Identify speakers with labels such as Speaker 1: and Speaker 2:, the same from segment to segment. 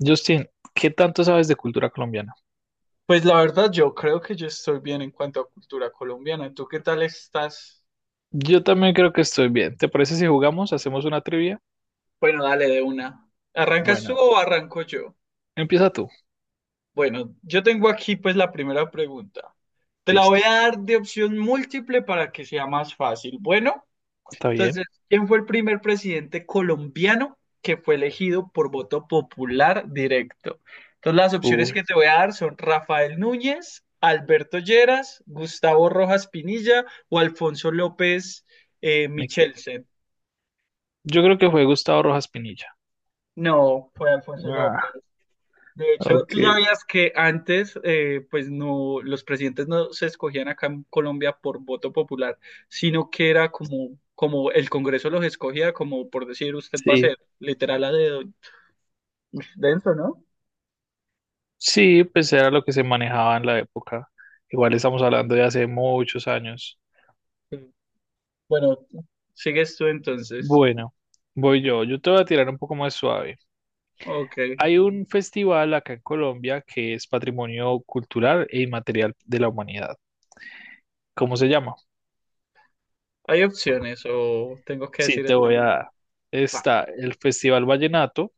Speaker 1: Justin, ¿qué tanto sabes de cultura colombiana?
Speaker 2: Pues la verdad, yo creo que yo estoy bien en cuanto a cultura colombiana. ¿Tú qué tal estás?
Speaker 1: Yo también creo que estoy bien. ¿Te parece si jugamos? ¿Hacemos una trivia?
Speaker 2: Bueno, dale de una. ¿Arrancas tú
Speaker 1: Bueno,
Speaker 2: o arranco yo?
Speaker 1: empieza tú.
Speaker 2: Bueno, yo tengo aquí pues la primera pregunta. Te la
Speaker 1: Listo.
Speaker 2: voy a dar de opción múltiple para que sea más fácil. Bueno,
Speaker 1: ¿Está bien?
Speaker 2: entonces, ¿quién fue el primer presidente colombiano que fue elegido por voto popular directo? Entonces, las opciones
Speaker 1: Uy,
Speaker 2: que te voy a dar son Rafael Núñez, Alberto Lleras, Gustavo Rojas Pinilla o Alfonso López
Speaker 1: me quedo.
Speaker 2: Michelsen.
Speaker 1: Yo creo que fue Gustavo Rojas Pinilla.
Speaker 2: No, fue Alfonso
Speaker 1: Ah,
Speaker 2: López. De hecho,
Speaker 1: ok.
Speaker 2: tú sabías que antes, pues no, los presidentes no se escogían acá en Colombia por voto popular, sino que era como el Congreso los escogía, como por decir, usted va a
Speaker 1: Sí.
Speaker 2: ser literal a dedo denso, ¿no?
Speaker 1: Sí, pues era lo que se manejaba en la época. Igual estamos hablando de hace muchos años.
Speaker 2: Sí. Bueno, sigues tú entonces.
Speaker 1: Bueno, voy yo. Yo te voy a tirar un poco más suave.
Speaker 2: Ok.
Speaker 1: Hay un festival acá en Colombia que es Patrimonio Cultural e Inmaterial de la Humanidad. ¿Cómo se llama?
Speaker 2: ¿Hay opciones o tengo que
Speaker 1: Sí,
Speaker 2: decir
Speaker 1: te
Speaker 2: el
Speaker 1: voy a
Speaker 2: nombre?
Speaker 1: dar. Está
Speaker 2: Vale.
Speaker 1: el Festival Vallenato,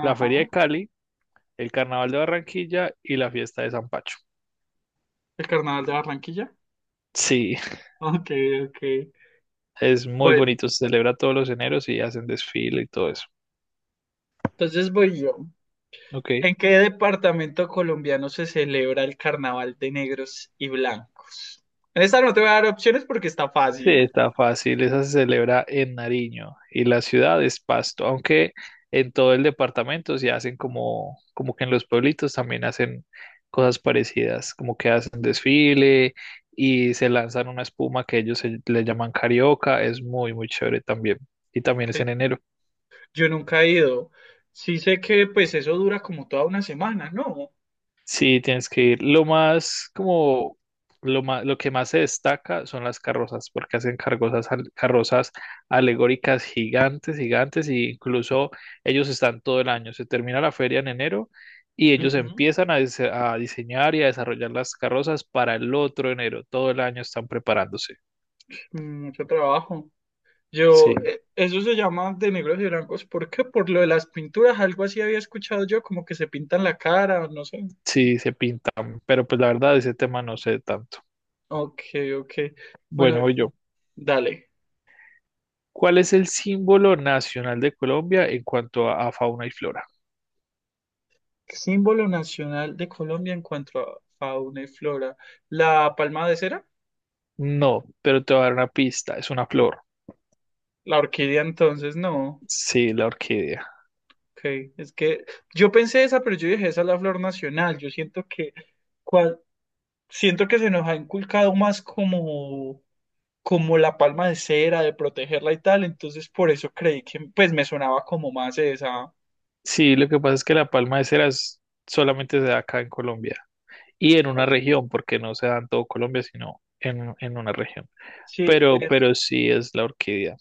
Speaker 1: la Feria de Cali, el Carnaval de Barranquilla y la Fiesta de San Pacho.
Speaker 2: ¿El Carnaval de Barranquilla?
Speaker 1: Sí,
Speaker 2: Ok, ok.
Speaker 1: es muy
Speaker 2: Bueno,
Speaker 1: bonito. Se celebra todos los eneros y hacen desfile y todo eso.
Speaker 2: entonces voy yo.
Speaker 1: Ok.
Speaker 2: ¿En qué departamento colombiano se celebra el Carnaval de Negros y Blancos? En esta no te voy a dar opciones porque está
Speaker 1: Sí,
Speaker 2: fácil.
Speaker 1: está fácil. Esa se celebra en Nariño y la ciudad es Pasto, aunque en todo el departamento se hacen como que en los pueblitos también hacen cosas parecidas, como que hacen desfile y se lanzan una espuma que le llaman carioca. Es muy, muy chévere también. Y también es
Speaker 2: Que
Speaker 1: en enero.
Speaker 2: yo nunca he ido. Sí sé que pues eso dura como toda una semana, ¿no?
Speaker 1: Sí, tienes que ir. Lo más, como, lo que más se destaca son las carrozas, porque hacen carrozas, carrozas alegóricas gigantes, gigantes, y incluso ellos están todo el año. Se termina la feria en enero y ellos
Speaker 2: Ujú,
Speaker 1: empiezan a diseñar y a desarrollar las carrozas para el otro enero. Todo el año están preparándose.
Speaker 2: mucho trabajo.
Speaker 1: Sí,
Speaker 2: Yo, eso se llama de negros y blancos. ¿Por qué? Por lo de las pinturas, algo así había escuchado yo, como que se pintan la cara, no sé.
Speaker 1: sí, se pintan, pero pues la verdad ese tema no sé tanto.
Speaker 2: Ok, ok. Bueno,
Speaker 1: Bueno, voy yo.
Speaker 2: dale.
Speaker 1: ¿Cuál es el símbolo nacional de Colombia en cuanto a fauna y flora?
Speaker 2: Símbolo nacional de Colombia en cuanto a fauna y flora. ¿La palma de cera?
Speaker 1: No, pero te voy a dar una pista, es una flor.
Speaker 2: La orquídea entonces, no.
Speaker 1: Sí, la orquídea.
Speaker 2: Ok, es que yo pensé esa, pero yo dije, esa es la flor nacional. Yo siento que, cual- siento que se nos ha inculcado más como, como la palma de cera, de protegerla y tal. Entonces por eso creí que pues me sonaba como más esa.
Speaker 1: Sí, lo que pasa es que la palma de cera es- solamente se da acá en Colombia y en una
Speaker 2: Ok,
Speaker 1: región, porque no se da en todo Colombia, sino en una región.
Speaker 2: sí, es,
Speaker 1: Pero sí es la orquídea.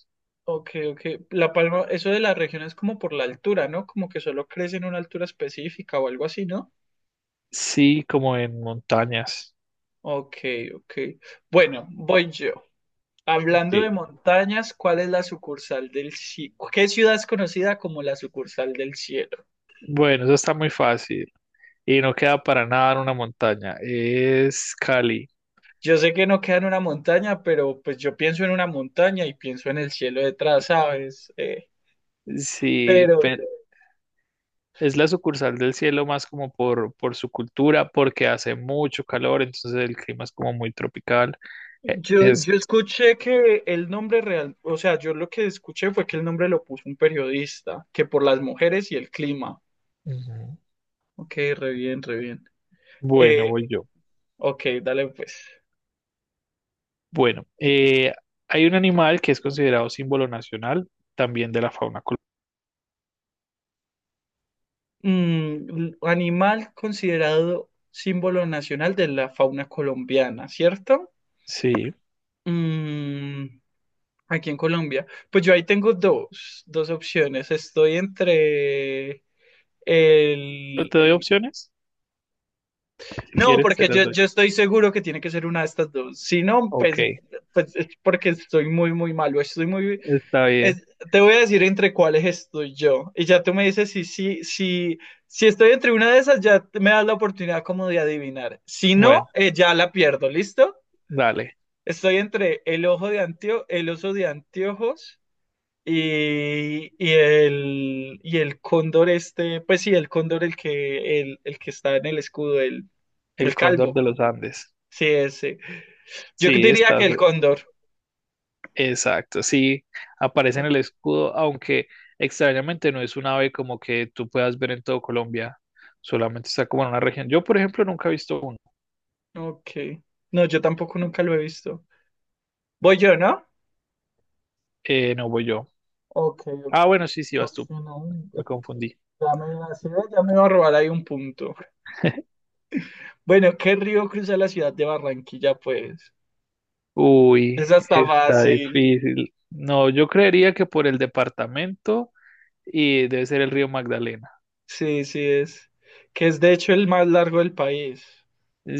Speaker 2: ok, ok. La palma, eso de la región es como por la altura, ¿no? Como que solo crece en una altura específica o algo así, ¿no?
Speaker 1: Sí, como en montañas.
Speaker 2: Ok, ok. Bueno, voy yo. Hablando de
Speaker 1: Sí.
Speaker 2: montañas, ¿cuál es la sucursal del cielo? ¿Qué ciudad es conocida como la sucursal del cielo?
Speaker 1: Bueno, eso está muy fácil y no queda para nada en una montaña. Es Cali.
Speaker 2: Yo sé que no queda en una montaña, pero pues yo pienso en una montaña y pienso en el cielo detrás, ¿sabes?
Speaker 1: Sí,
Speaker 2: Pero
Speaker 1: pero. Es la sucursal del cielo más como por su cultura, porque hace mucho calor, entonces el clima es como muy tropical.
Speaker 2: yo,
Speaker 1: Es,
Speaker 2: yo escuché que el nombre real, o sea, yo lo que escuché fue que el nombre lo puso un periodista, que por las mujeres y el clima.
Speaker 1: ujú.
Speaker 2: Ok, re bien, re bien.
Speaker 1: Bueno,
Speaker 2: Eh,
Speaker 1: voy yo.
Speaker 2: ok, dale pues.
Speaker 1: Bueno, hay un animal que es considerado símbolo nacional también de la fauna colombiana.
Speaker 2: Mm, un animal considerado símbolo nacional de la fauna colombiana, ¿cierto?
Speaker 1: Sí,
Speaker 2: Mm, aquí en Colombia. Pues yo ahí tengo dos, dos opciones. Estoy entre el,
Speaker 1: te doy
Speaker 2: el-
Speaker 1: opciones. Si
Speaker 2: No,
Speaker 1: quieres, te
Speaker 2: porque
Speaker 1: las
Speaker 2: yo,
Speaker 1: doy.
Speaker 2: yo estoy seguro que tiene que ser una de estas dos. Si no, pues,
Speaker 1: Ok,
Speaker 2: pues es porque estoy muy, muy malo. Estoy muy,
Speaker 1: está bien.
Speaker 2: Es- te voy a decir entre cuáles estoy yo. Y ya tú me dices si estoy entre una de esas, ya me das la oportunidad como de adivinar. Si no,
Speaker 1: Bueno,
Speaker 2: ya la pierdo, ¿listo?
Speaker 1: dale.
Speaker 2: Estoy entre el ojo de Antio, el oso de anteojos y el cóndor este, pues sí, el cóndor el que está en el escudo,
Speaker 1: El
Speaker 2: el
Speaker 1: cóndor
Speaker 2: calvo.
Speaker 1: de los Andes.
Speaker 2: Sí, ese. Yo
Speaker 1: Sí,
Speaker 2: diría que
Speaker 1: estás,
Speaker 2: el cóndor.
Speaker 1: exacto, sí, aparece en el escudo, aunque extrañamente no es un ave como que tú puedas ver en todo Colombia, solamente está como en una región. Yo, por ejemplo, nunca he visto uno.
Speaker 2: Ok. No, yo tampoco nunca lo he visto. Voy yo, ¿no?
Speaker 1: No voy yo.
Speaker 2: Ok, ok.
Speaker 1: Ah, bueno, sí,
Speaker 2: No
Speaker 1: vas tú.
Speaker 2: sé, no.
Speaker 1: Me confundí.
Speaker 2: Ya me iba a decir, ya me iba a robar ahí un punto". Bueno, ¿qué río cruza la ciudad de Barranquilla, pues?
Speaker 1: Uy,
Speaker 2: Esa está
Speaker 1: está
Speaker 2: fácil.
Speaker 1: difícil. No, yo creería que por el departamento y debe ser el río Magdalena.
Speaker 2: Sí, sí es. Que es de hecho el más largo del país.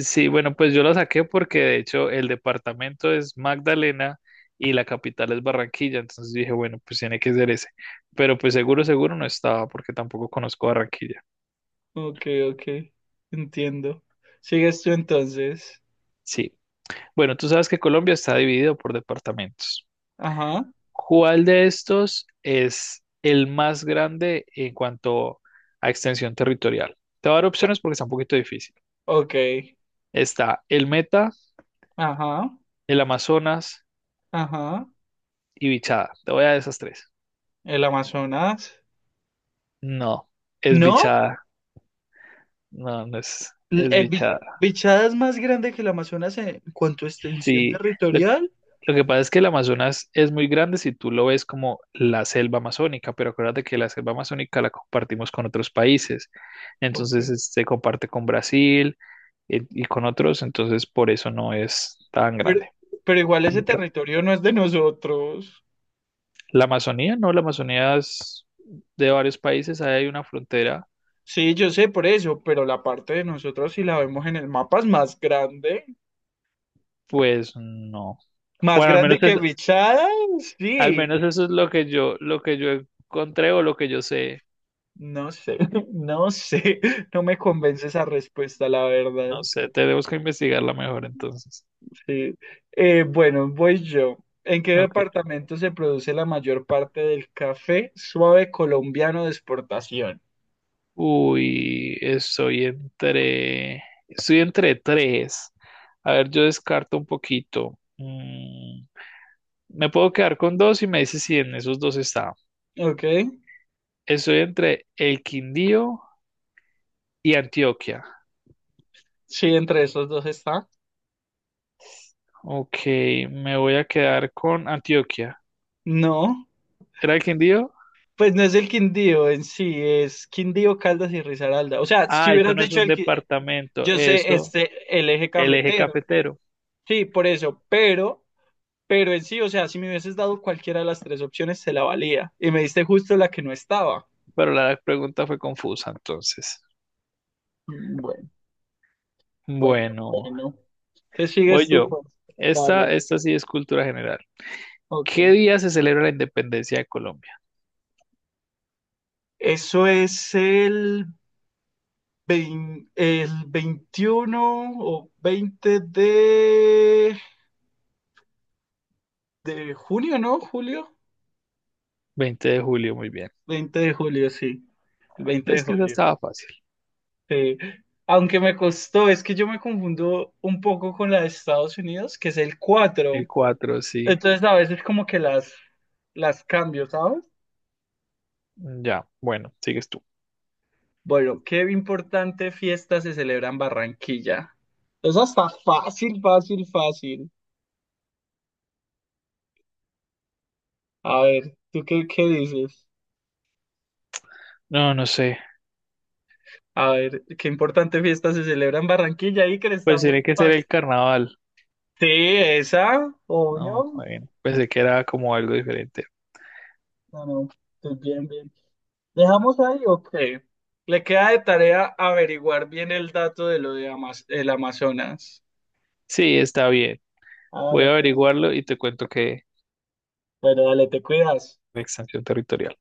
Speaker 1: Sí, bueno, pues yo la saqué porque de hecho el departamento es Magdalena y la capital es Barranquilla, entonces dije, bueno, pues tiene que ser ese. Pero pues seguro, seguro no estaba porque tampoco conozco Barranquilla.
Speaker 2: Ok, ok. Entiendo. Sigues tú entonces.
Speaker 1: Sí. Bueno, tú sabes que Colombia está dividido por departamentos.
Speaker 2: Ajá.
Speaker 1: ¿Cuál de estos es el más grande en cuanto a extensión territorial? Te voy a dar
Speaker 2: La-
Speaker 1: opciones porque está un poquito difícil.
Speaker 2: ok.
Speaker 1: Está el Meta,
Speaker 2: Ajá.
Speaker 1: el Amazonas
Speaker 2: Ajá.
Speaker 1: y Bichada. Te voy a dar esas tres.
Speaker 2: El Amazonas.
Speaker 1: No, es
Speaker 2: ¿No?
Speaker 1: Bichada. No, no es, es
Speaker 2: ¿El
Speaker 1: bichada.
Speaker 2: Bichada es más grande que el Amazonas en cuanto a extensión
Speaker 1: Sí, lo,
Speaker 2: territorial?
Speaker 1: lo que pasa es que el Amazonas es muy grande si tú lo ves como la selva amazónica, pero acuérdate que la selva amazónica la compartimos con otros países.
Speaker 2: Ok.
Speaker 1: Se comparte con Brasil y con otros, entonces por eso no es tan
Speaker 2: Pero,
Speaker 1: grande.
Speaker 2: pero igual ese territorio no es de nosotros.
Speaker 1: La Amazonía, no, la Amazonía es de varios países, ahí hay una frontera,
Speaker 2: Sí, yo sé por eso, pero la parte de nosotros, si la vemos en el mapa, es más grande.
Speaker 1: pues no.
Speaker 2: Más
Speaker 1: Bueno, al
Speaker 2: grande
Speaker 1: menos es,
Speaker 2: que Bichada,
Speaker 1: al
Speaker 2: sí.
Speaker 1: menos eso es lo que yo encontré o lo que yo sé.
Speaker 2: No sé, no sé. No me convence esa respuesta, la verdad.
Speaker 1: No sé, tenemos que investigarla mejor entonces.
Speaker 2: Sí. Bueno, voy yo. ¿En qué
Speaker 1: Ok.
Speaker 2: departamento se produce la mayor parte del café suave colombiano de exportación?
Speaker 1: Uy, estoy entre. Estoy entre tres. A ver, yo descarto un poquito. Mm, me puedo quedar con dos y me dice si en esos dos está.
Speaker 2: Ok.
Speaker 1: Estoy entre el Quindío y Antioquia.
Speaker 2: Sí, entre esos dos está.
Speaker 1: Ok, me voy a quedar con Antioquia.
Speaker 2: No.
Speaker 1: ¿Era el Quindío?
Speaker 2: Pues no es el Quindío en sí, es Quindío, Caldas y Risaralda. O sea, si
Speaker 1: Ah, eso
Speaker 2: hubieras
Speaker 1: no es
Speaker 2: dicho
Speaker 1: un
Speaker 2: el que
Speaker 1: departamento,
Speaker 2: yo sé
Speaker 1: eso,
Speaker 2: este el eje
Speaker 1: el eje
Speaker 2: cafetero.
Speaker 1: cafetero.
Speaker 2: Sí, por eso, pero en sí, o sea, si me hubieses dado cualquiera de las tres opciones se la valía y me diste justo la que no estaba.
Speaker 1: Pero la pregunta fue confusa entonces.
Speaker 2: Mm, bueno, bueno,
Speaker 1: Bueno.
Speaker 2: bueno. Entonces
Speaker 1: Voy
Speaker 2: sigues tú,
Speaker 1: yo.
Speaker 2: pues.
Speaker 1: Esta,
Speaker 2: Dale,
Speaker 1: esta sí es cultura general.
Speaker 2: ok.
Speaker 1: ¿Qué día se celebra la independencia de Colombia?
Speaker 2: Eso es el el 21 o 20 de junio, ¿no? Julio.
Speaker 1: ¿20 de julio? Muy bien.
Speaker 2: 20 de julio, sí. El 20 de
Speaker 1: Es que esa
Speaker 2: julio.
Speaker 1: estaba fácil.
Speaker 2: Sí. Aunque me costó, es que yo me confundo un poco con la de Estados Unidos, que es el
Speaker 1: El
Speaker 2: 4.
Speaker 1: 4 sí.
Speaker 2: Entonces a veces como que las cambio, ¿sabes?
Speaker 1: Ya, bueno, sigues tú.
Speaker 2: Bueno, ¿qué importante fiesta se celebra en Barranquilla? Esa está fácil, fácil, fácil. A ver, ¿tú qué dices?
Speaker 1: No, no sé.
Speaker 2: A ver, ¿qué importante fiesta se celebra en Barranquilla? Y que está
Speaker 1: Pues tiene
Speaker 2: muy
Speaker 1: que ser el
Speaker 2: fácil.
Speaker 1: carnaval.
Speaker 2: Sí, esa,
Speaker 1: No,
Speaker 2: obvio.
Speaker 1: bueno, pensé que era como algo diferente.
Speaker 2: No, no, estoy bien, bien. ¿Dejamos ahí o qué? Le queda de tarea averiguar bien el dato de lo de el Amazonas.
Speaker 1: Sí, está bien.
Speaker 2: Ah,
Speaker 1: Voy
Speaker 2: vale,
Speaker 1: a
Speaker 2: pues.
Speaker 1: averiguarlo y te cuento que
Speaker 2: Bueno, dale, te cuidas.
Speaker 1: la extensión territorial.